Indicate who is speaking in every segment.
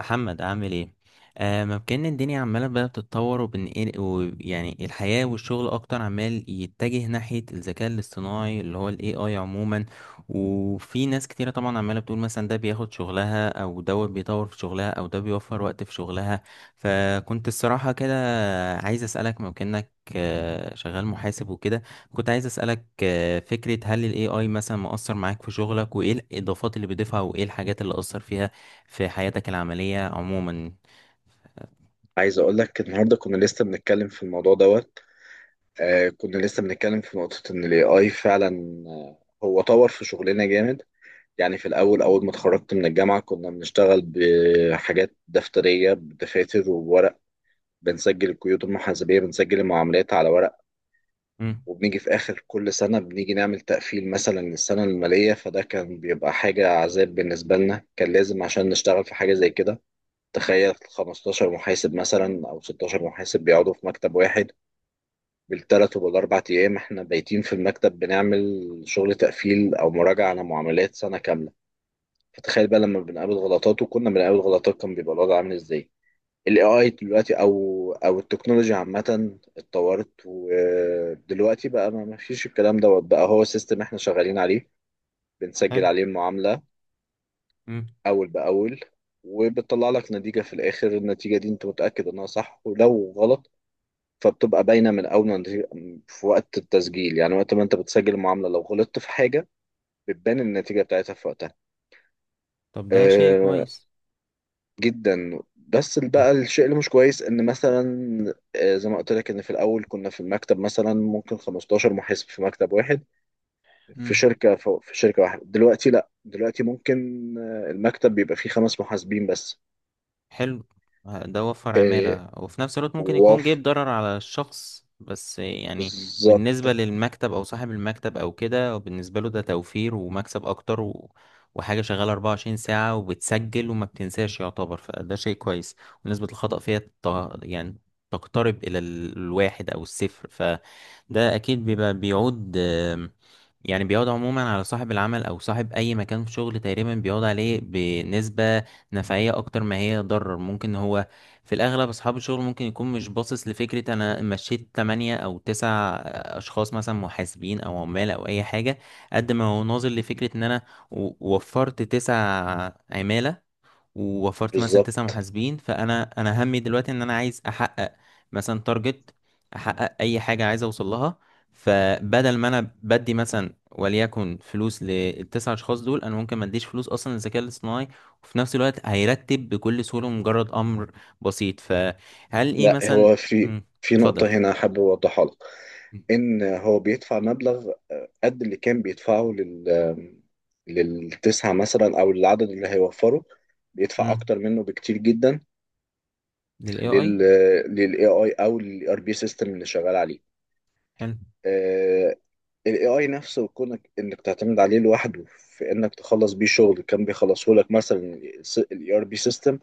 Speaker 1: محمد عامل ايه؟ ممكن الدنيا عماله بقى بتتطور وبنقل، ويعني الحياه والشغل اكتر عمال يتجه ناحيه الذكاء الاصطناعي اللي هو الاي اي، عموما. وفي ناس كتيره طبعا عماله بتقول مثلا ده بياخد شغلها، او دوت بيطور في شغلها، او ده بيوفر وقت في شغلها. فكنت الصراحه كده عايز اسالك، ممكنك، شغال محاسب وكده. كنت عايز اسالك فكره هل الاي اي مثلا مؤثر معاك في شغلك، وايه الاضافات اللي بيضيفها، وايه الحاجات اللي اثر فيها في حياتك العملية عموما؟
Speaker 2: عايز اقول لك النهارده كنا لسه بنتكلم في الموضوع دوت. كنا لسه بنتكلم في نقطة ان الاي اي فعلا. آه، هو طور في شغلنا جامد. يعني في الاول اول ما اتخرجت من الجامعة كنا بنشتغل بحاجات دفترية بدفاتر وورق. بنسجل القيود المحاسبية، بنسجل المعاملات على ورق.
Speaker 1: مم.
Speaker 2: وبنيجي في اخر كل سنة بنيجي نعمل تقفيل مثلا للسنة المالية، فده كان بيبقى حاجة عذاب بالنسبة لنا، كان لازم عشان نشتغل في حاجة زي كده. تخيل 15 محاسب مثلا او 16 محاسب بيقعدوا في مكتب واحد. بالثلاث وبالاربع ايام احنا بايتين في المكتب بنعمل شغل تقفيل او مراجعه على معاملات سنه كامله. فتخيل بقى لما بنقابل غلطات، وكنا بنقابل غلطات، كان بيبقى الوضع عامل ازاي. الاي اي دلوقتي او التكنولوجيا عامه اتطورت، ودلوقتي بقى ما فيش الكلام دوت، بقى هو سيستم احنا شغالين عليه. بنسجل
Speaker 1: حلو.
Speaker 2: عليه المعامله
Speaker 1: مم.
Speaker 2: اول باول. وبتطلع لك نتيجه في الاخر، النتيجه دي انت متاكد انها صح ولو غلط. فبتبقى باينه من اول ما في وقت التسجيل، يعني وقت ما انت بتسجل المعامله لو غلطت في حاجه بتبان النتيجه بتاعتها في وقتها.
Speaker 1: طب ده شيء
Speaker 2: آه
Speaker 1: كويس.
Speaker 2: جدا، بس
Speaker 1: مم.
Speaker 2: بقى الشيء اللي مش كويس ان مثلا، زي ما قلت لك ان في الاول كنا في المكتب مثلا ممكن 15 محاسب في مكتب واحد في
Speaker 1: مم.
Speaker 2: شركه، في شركه واحده دلوقتي. لا، دلوقتي ممكن المكتب بيبقى فيه خمس محاسبين بس.
Speaker 1: حلو. ده وفر
Speaker 2: آه،
Speaker 1: عمالة، وفي نفس الوقت ممكن يكون
Speaker 2: واف،
Speaker 1: جايب ضرر على الشخص، بس يعني. بالنسبة
Speaker 2: بالظبط.
Speaker 1: للمكتب أو صاحب المكتب أو كده، بالنسبة له ده توفير ومكسب أكتر، وحاجة شغالة 24 ساعة وبتسجل وما بتنساش يعتبر، فده شيء كويس. ونسبة الخطأ فيها يعني تقترب إلى الواحد أو الصفر، فده أكيد بيبقى بيعود يعني بيعود عموما على صاحب العمل أو صاحب أي مكان في شغل، تقريبا بيعود عليه بنسبة نفعية أكتر ما هي ضرر. ممكن هو في الأغلب أصحاب الشغل ممكن يكون مش باصص لفكرة أنا مشيت 8 أو 9 أشخاص مثلا، محاسبين أو عمال أو أي حاجة، قد ما هو ناظر لفكرة إن أنا وفرت 9 عمالة، ووفرت مثلا تسع
Speaker 2: بالظبط،
Speaker 1: محاسبين فانا همي دلوقتي ان انا عايز احقق مثلا تارجت، احقق اي حاجه عايز اوصل لها. فبدل ما انا بدي مثلا وليكن فلوس للتسع اشخاص دول، انا ممكن ما اديش فلوس اصلا للذكاء الاصطناعي، وفي نفس الوقت هيرتب بكل سهوله مجرد امر بسيط. فهل ايه
Speaker 2: لا،
Speaker 1: مثلا.
Speaker 2: هو في
Speaker 1: مم،
Speaker 2: في
Speaker 1: اتفضل
Speaker 2: نقطة
Speaker 1: اتفضل.
Speaker 2: هنا حابب أوضحها لك. ان هو بيدفع مبلغ قد اللي كان بيدفعه للتسعة مثلا او العدد اللي هيوفره. بيدفع
Speaker 1: امم.
Speaker 2: اكتر منه بكتير جدا
Speaker 1: للاي اي.
Speaker 2: لل للاي اي او للاي ار بي سيستم اللي شغال عليه.
Speaker 1: حلو.
Speaker 2: الاي اي نفسه، كونك انك تعتمد عليه لوحده في انك تخلص بيه شغل كان بيخلصه لك مثلا الاي ار بي سيستم،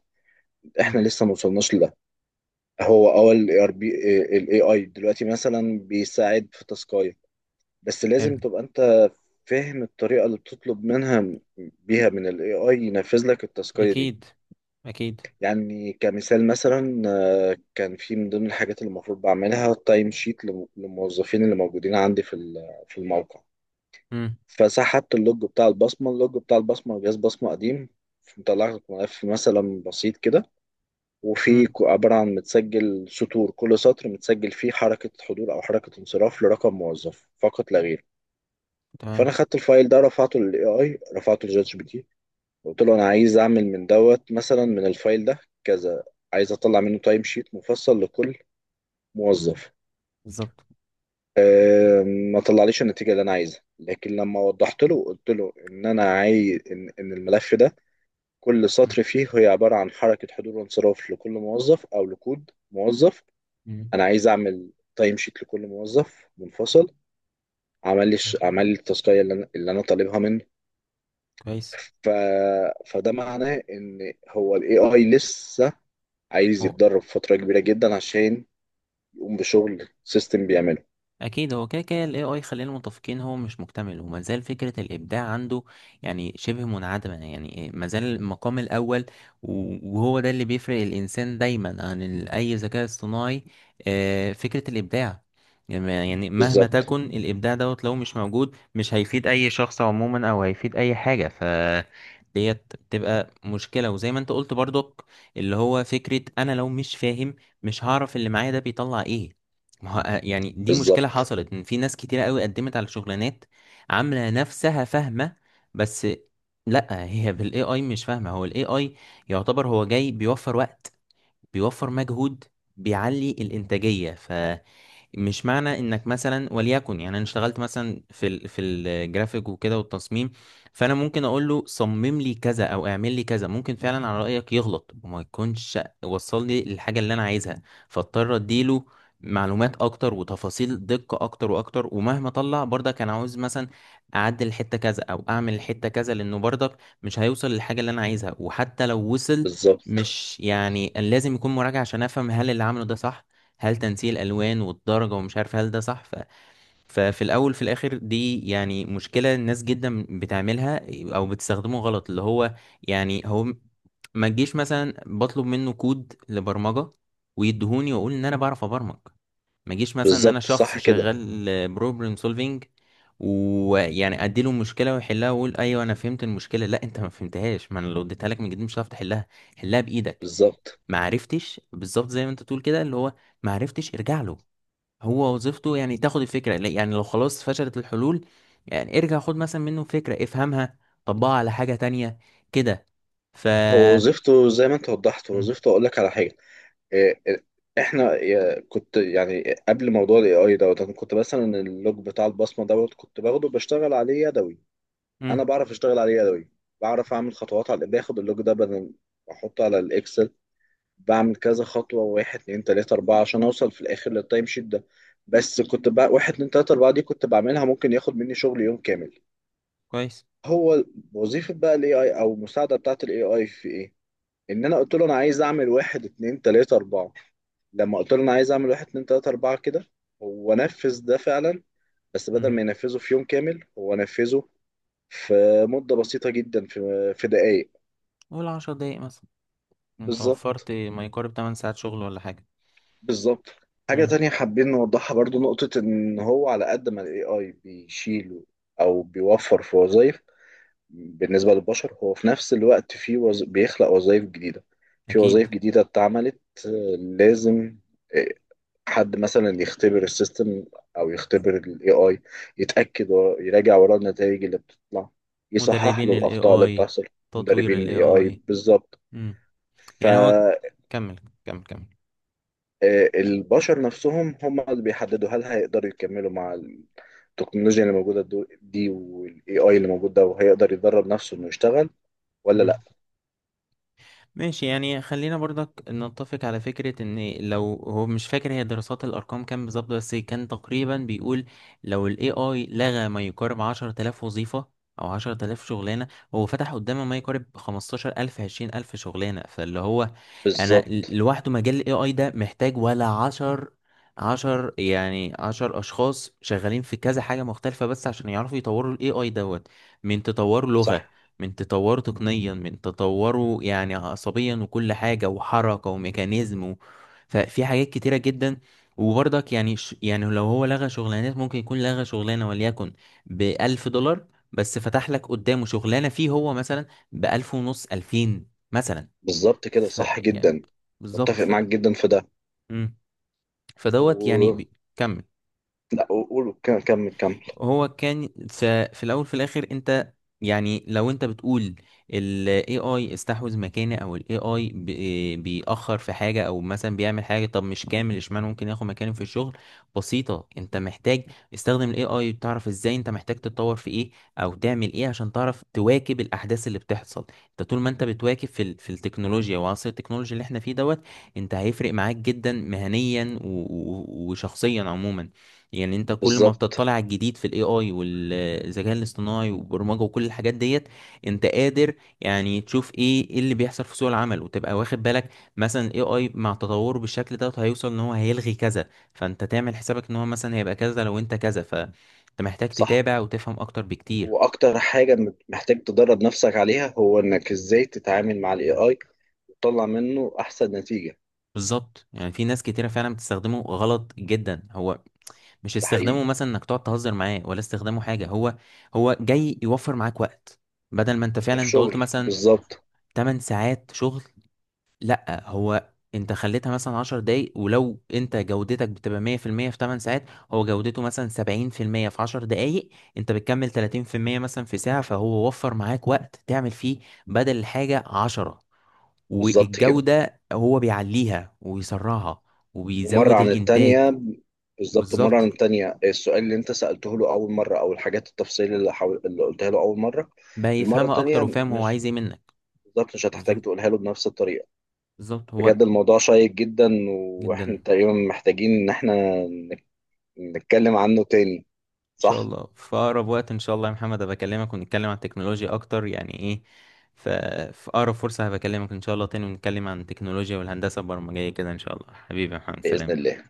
Speaker 1: امم.
Speaker 2: احنا لسه ما وصلناش لده. هو اول الاي ار بي، الاي اي دلوقتي مثلا بيساعد في تاسكايه، بس لازم
Speaker 1: حلو.
Speaker 2: تبقى انت فاهم الطريقة اللي بتطلب بيها من ال AI ينفذ لك التاسكية دي.
Speaker 1: اكيد اكيد.
Speaker 2: يعني كمثال مثلا، كان في من ضمن الحاجات اللي المفروض بعملها تايم شيت للموظفين اللي موجودين عندي في في الموقع.
Speaker 1: امم.
Speaker 2: فسحبت اللوج بتاع البصمة، اللوج بتاع البصمة جهاز بصمة قديم، مطلع لك ملف مثلا بسيط كده.
Speaker 1: امم.
Speaker 2: عبارة عن متسجل سطور، كل سطر متسجل فيه حركة حضور أو حركة انصراف لرقم موظف فقط لا غير. فانا
Speaker 1: تمام.
Speaker 2: خدت الفايل ده رفعته للاي اي، رفعته لجات جي بي تي. قلت له انا عايز اعمل من دوت مثلا من الفايل ده كذا، عايز اطلع منه تايم شيت مفصل لكل موظف.
Speaker 1: بالظبط.
Speaker 2: أه، ما طلعليش النتيجه اللي انا عايزها، لكن لما وضحت له، قلت له انا عايز إن الملف ده كل سطر فيه هي عباره عن حركه حضور وانصراف لكل موظف او لكود موظف.
Speaker 1: امم.
Speaker 2: انا عايز اعمل تايم شيت لكل موظف منفصل. عمل لي التاسكيه اللي انا طالبها منه.
Speaker 1: كويس.
Speaker 2: ف... فده معناه ان هو الاي اي لسه عايز
Speaker 1: هو.
Speaker 2: يتدرب فترة كبيرة جدا عشان يقوم بشغل سيستم بيعمله.
Speaker 1: اكيد هو كده كده الاي اي، خلينا متفقين هو مش مكتمل، وما زال فكره الابداع عنده يعني شبه منعدمه، يعني ما زال المقام الاول وهو ده اللي بيفرق الانسان دايما عن ال- اي ذكاء اصطناعي. فكره الابداع يعني مهما
Speaker 2: بالظبط،
Speaker 1: تكن، الابداع دوت لو مش موجود مش هيفيد اي شخص عموما، او هيفيد اي حاجه. ف ديت تبقى مشكلة، وزي ما انت قلت برضك اللي هو فكرة انا لو مش فاهم مش هعرف اللي معايا ده بيطلع ايه. ما هو يعني دي مشكلة
Speaker 2: بالظبط،
Speaker 1: حصلت، ان في ناس كتيرة قوي قدمت على شغلانات عاملة نفسها فاهمة، بس لا، هي بالاي اي مش فاهمة. هو الاي اي يعتبر هو جاي بيوفر وقت، بيوفر مجهود، بيعلي الانتاجية. مش معنى انك مثلا وليكن، يعني انا اشتغلت مثلا في الجرافيك وكده والتصميم، فانا ممكن اقول له صمم لي كذا او اعمل لي كذا، ممكن فعلا على رايك يغلط وما يكونش وصل لي الحاجه اللي انا عايزها، فاضطر اديله معلومات اكتر وتفاصيل دقه اكتر واكتر. ومهما طلع برضك كان عاوز مثلا اعدل حته كذا او اعمل الحته كذا، لانه برضك مش هيوصل للحاجه اللي انا عايزها. وحتى لو وصل
Speaker 2: بالظبط،
Speaker 1: مش يعني، لازم يكون مراجعه عشان افهم هل اللي عمله ده صح، هل تنسيق الالوان والدرجه ومش عارف هل ده صح. ففي الاول في الاخر دي يعني مشكله الناس جدا بتعملها، او بتستخدمه غلط. اللي هو يعني هو ما تجيش مثلا بطلب منه كود لبرمجه ويدهوني، واقول ان انا بعرف ابرمج. ما جيش مثلا ان انا
Speaker 2: بالظبط،
Speaker 1: شخص
Speaker 2: صح كده،
Speaker 1: شغال بروبلم سولفينج ويعني اديله مشكله ويحلها واقول ايوه انا فهمت المشكله. لا، انت ما فهمتهاش، ما انا لو اديتها لك من جديد مش هتعرف تحلها. حلها بايدك.
Speaker 2: بالظبط.
Speaker 1: ما عرفتش بالظبط زي ما انت تقول كده اللي هو ما عرفتش ارجع له. هو وظيفته يعني تاخد الفكرة، يعني لو خلاص فشلت الحلول يعني ارجع خد مثلا منه فكرة افهمها، طبقها على حاجة تانية كده. ف
Speaker 2: هو وظيفته زي ما انت وضحت، هو
Speaker 1: مم.
Speaker 2: وظيفته اقول لك على حاجة. إيه، إيه، احنا كنت يعني قبل موضوع الاي اي دوت، انا كنت مثلا اللوج بتاع البصمة دوت كنت باخده بشتغل عليه يدوي. انا
Speaker 1: مم.
Speaker 2: بعرف اشتغل عليه يدوي، بعرف اعمل خطوات على باخد اللوج ده بدل، احطه على الاكسل. بعمل كذا خطوة واحد اتنين تلاتة أربعة عشان أوصل في الآخر للتايم شيت ده. بس كنت بقى واحد اتنين تلاتة أربعة دي كنت بعملها ممكن ياخد مني شغل يوم كامل.
Speaker 1: كويس.
Speaker 2: هو وظيفة بقى ال AI أو المساعدة بتاعة ال AI في إيه؟ إن أنا قلت له أنا عايز أعمل واحد اتنين تلاتة أربعة. لما قلت له أنا عايز أعمل واحد اتنين تلاتة أربعة كده، هو نفذ ده فعلا. بس بدل
Speaker 1: مم.
Speaker 2: ما ينفذه في يوم كامل، هو نفذه في مدة بسيطة جدا، في دقايق.
Speaker 1: قول 10 دقايق مثلا. انت
Speaker 2: بالظبط،
Speaker 1: وفرت ما يقارب 8 ساعات شغل ولا حاجة.
Speaker 2: بالظبط. حاجة
Speaker 1: مم.
Speaker 2: تانية حابين نوضحها برضو، نقطة إن هو على قد ما ال AI بيشيل أو بيوفر في وظائف بالنسبة للبشر، هو في نفس الوقت بيخلق وظائف جديدة. في
Speaker 1: اكيد.
Speaker 2: وظائف جديدة اتعملت. آه، لازم آه، حد مثلا يختبر السيستم، أو يختبر ال AI، يتأكد ويراجع وراه النتائج اللي بتطلع، يصحح
Speaker 1: مدربين
Speaker 2: له
Speaker 1: ال
Speaker 2: الأخطاء اللي
Speaker 1: AI،
Speaker 2: بتحصل.
Speaker 1: تطوير
Speaker 2: مدربين
Speaker 1: ال
Speaker 2: ال AI،
Speaker 1: AI.
Speaker 2: بالظبط.
Speaker 1: مم.
Speaker 2: ف
Speaker 1: يعني هو. كمل كمل كمل.
Speaker 2: البشر نفسهم هم اللي بيحددوا هل هيقدروا يكملوا مع التكنولوجيا اللي موجودة دي، والاي اي اللي موجود ده، وهيقدر يدرب نفسه انه يشتغل ولا لا.
Speaker 1: مم. ماشي يعني خلينا برضك نتفق على فكرة ان لو، هو مش فاكر هي دراسات الارقام كام بالظبط، بس كان تقريبا بيقول لو ال AI لغى ما يقارب 10,000 وظيفة او 10,000 شغلانة، هو فتح قدامه ما يقارب 15,000 20,000 شغلانة. فاللي هو انا
Speaker 2: بالظبط،
Speaker 1: لوحده مجال ال AI ده محتاج ولا 10، 10، يعني 10 اشخاص شغالين في كذا حاجة مختلفة بس عشان يعرفوا يطوروا ال AI دوت، من تطور
Speaker 2: صح،
Speaker 1: لغة، من تطوره تقنيا، من تطوره يعني عصبيا وكل حاجة وحركة وميكانيزم ففي حاجات كتيرة جدا. وبرضك يعني يعني لو هو لغى شغلانات ممكن يكون لغى شغلانة وليكن ب1000 دولار، بس فتح لك قدامه شغلانة فيه هو مثلا ب1500، 2000 مثلا.
Speaker 2: بالظبط كده، صح
Speaker 1: يعني
Speaker 2: جدا،
Speaker 1: بالظبط.
Speaker 2: متفق معاك جدا في ده.
Speaker 1: مم. فدوت يعني
Speaker 2: و...
Speaker 1: كمل.
Speaker 2: لا، قول كمل كمل.
Speaker 1: هو كان في الاول في الاخر انت، يعني لو انت بتقول ال AI استحوذ مكاني، او ال AI بيأخر في حاجة، او مثلا بيعمل حاجة طب مش كامل اشمعنى ممكن ياخد مكاني في الشغل. بسيطة، انت محتاج استخدم ال AI، تعرف ازاي انت محتاج تتطور في ايه او تعمل ايه عشان تعرف تواكب الاحداث اللي بتحصل. انت طول ما انت بتواكب في التكنولوجيا وعصر التكنولوجيا اللي احنا فيه دوت، انت هيفرق معاك جدا مهنيا وشخصيا عموما. يعني انت كل ما
Speaker 2: بالظبط،
Speaker 1: بتطلع على الجديد في الاي اي والذكاء الاصطناعي والبرمجه وكل الحاجات ديت، انت قادر يعني تشوف ايه اللي بيحصل في سوق العمل وتبقى واخد بالك مثلا الاي اي مع تطوره بالشكل دوت هيوصل ان هو هيلغي كذا، فانت تعمل حسابك ان هو مثلا هيبقى كذا لو انت كذا. فانت محتاج
Speaker 2: صح.
Speaker 1: تتابع وتفهم اكتر بكتير.
Speaker 2: واكتر حاجة محتاج تدرب نفسك عليها هو انك ازاي تتعامل مع الاي اي، وتطلع منه احسن نتيجة.
Speaker 1: بالظبط يعني في ناس كتيرة فعلا بتستخدمه غلط جدا، هو مش
Speaker 2: ده
Speaker 1: استخدامه
Speaker 2: حقيقي.
Speaker 1: مثلا انك تقعد تهزر معاه، ولا استخدامه حاجة، هو جاي يوفر معاك وقت. بدل ما انت فعلا
Speaker 2: وفي
Speaker 1: انت قلت
Speaker 2: شغل
Speaker 1: مثلا
Speaker 2: بالظبط.
Speaker 1: 8 ساعات شغل، لا، هو انت خليتها مثلا 10 دقايق. ولو انت جودتك بتبقى 100% في 8 ساعات، هو جودته مثلا 70% في 10 دقايق، انت بتكمل 30% مثلا في ساعة، فهو وفر معاك وقت تعمل فيه بدل الحاجة 10،
Speaker 2: بالظبط كده.
Speaker 1: والجودة هو بيعليها ويسرعها،
Speaker 2: ومرة
Speaker 1: وبيزود
Speaker 2: عن
Speaker 1: الانتاج.
Speaker 2: التانية، بالظبط، مرة عن
Speaker 1: بالظبط.
Speaker 2: التانية السؤال اللي انت سألته له أول مرة أو الحاجات التفصيل اللي قلتها له أول مرة.
Speaker 1: بقى
Speaker 2: المرة
Speaker 1: يفهمها اكتر
Speaker 2: التانية
Speaker 1: وفاهم هو
Speaker 2: مش،
Speaker 1: عايز ايه منك.
Speaker 2: بالظبط مش هتحتاج
Speaker 1: بالظبط.
Speaker 2: تقولها له بنفس الطريقة.
Speaker 1: بالظبط. هو.
Speaker 2: بجد الموضوع شيق جدا، وإحنا
Speaker 1: جدا.
Speaker 2: تقريبا محتاجين إن إحنا نك- نتكلم عنه تاني.
Speaker 1: ان شاء
Speaker 2: صح؟
Speaker 1: الله في اقرب وقت ان شاء الله يا محمد بكلمك ونتكلم عن التكنولوجيا اكتر يعني ايه. ف- في اقرب فرصة هبكلمك ان شاء الله تاني ونتكلم عن التكنولوجيا والهندسة البرمجية كده. ان شاء الله حبيبي يا محمد،
Speaker 2: بإذن
Speaker 1: سلام.
Speaker 2: الله.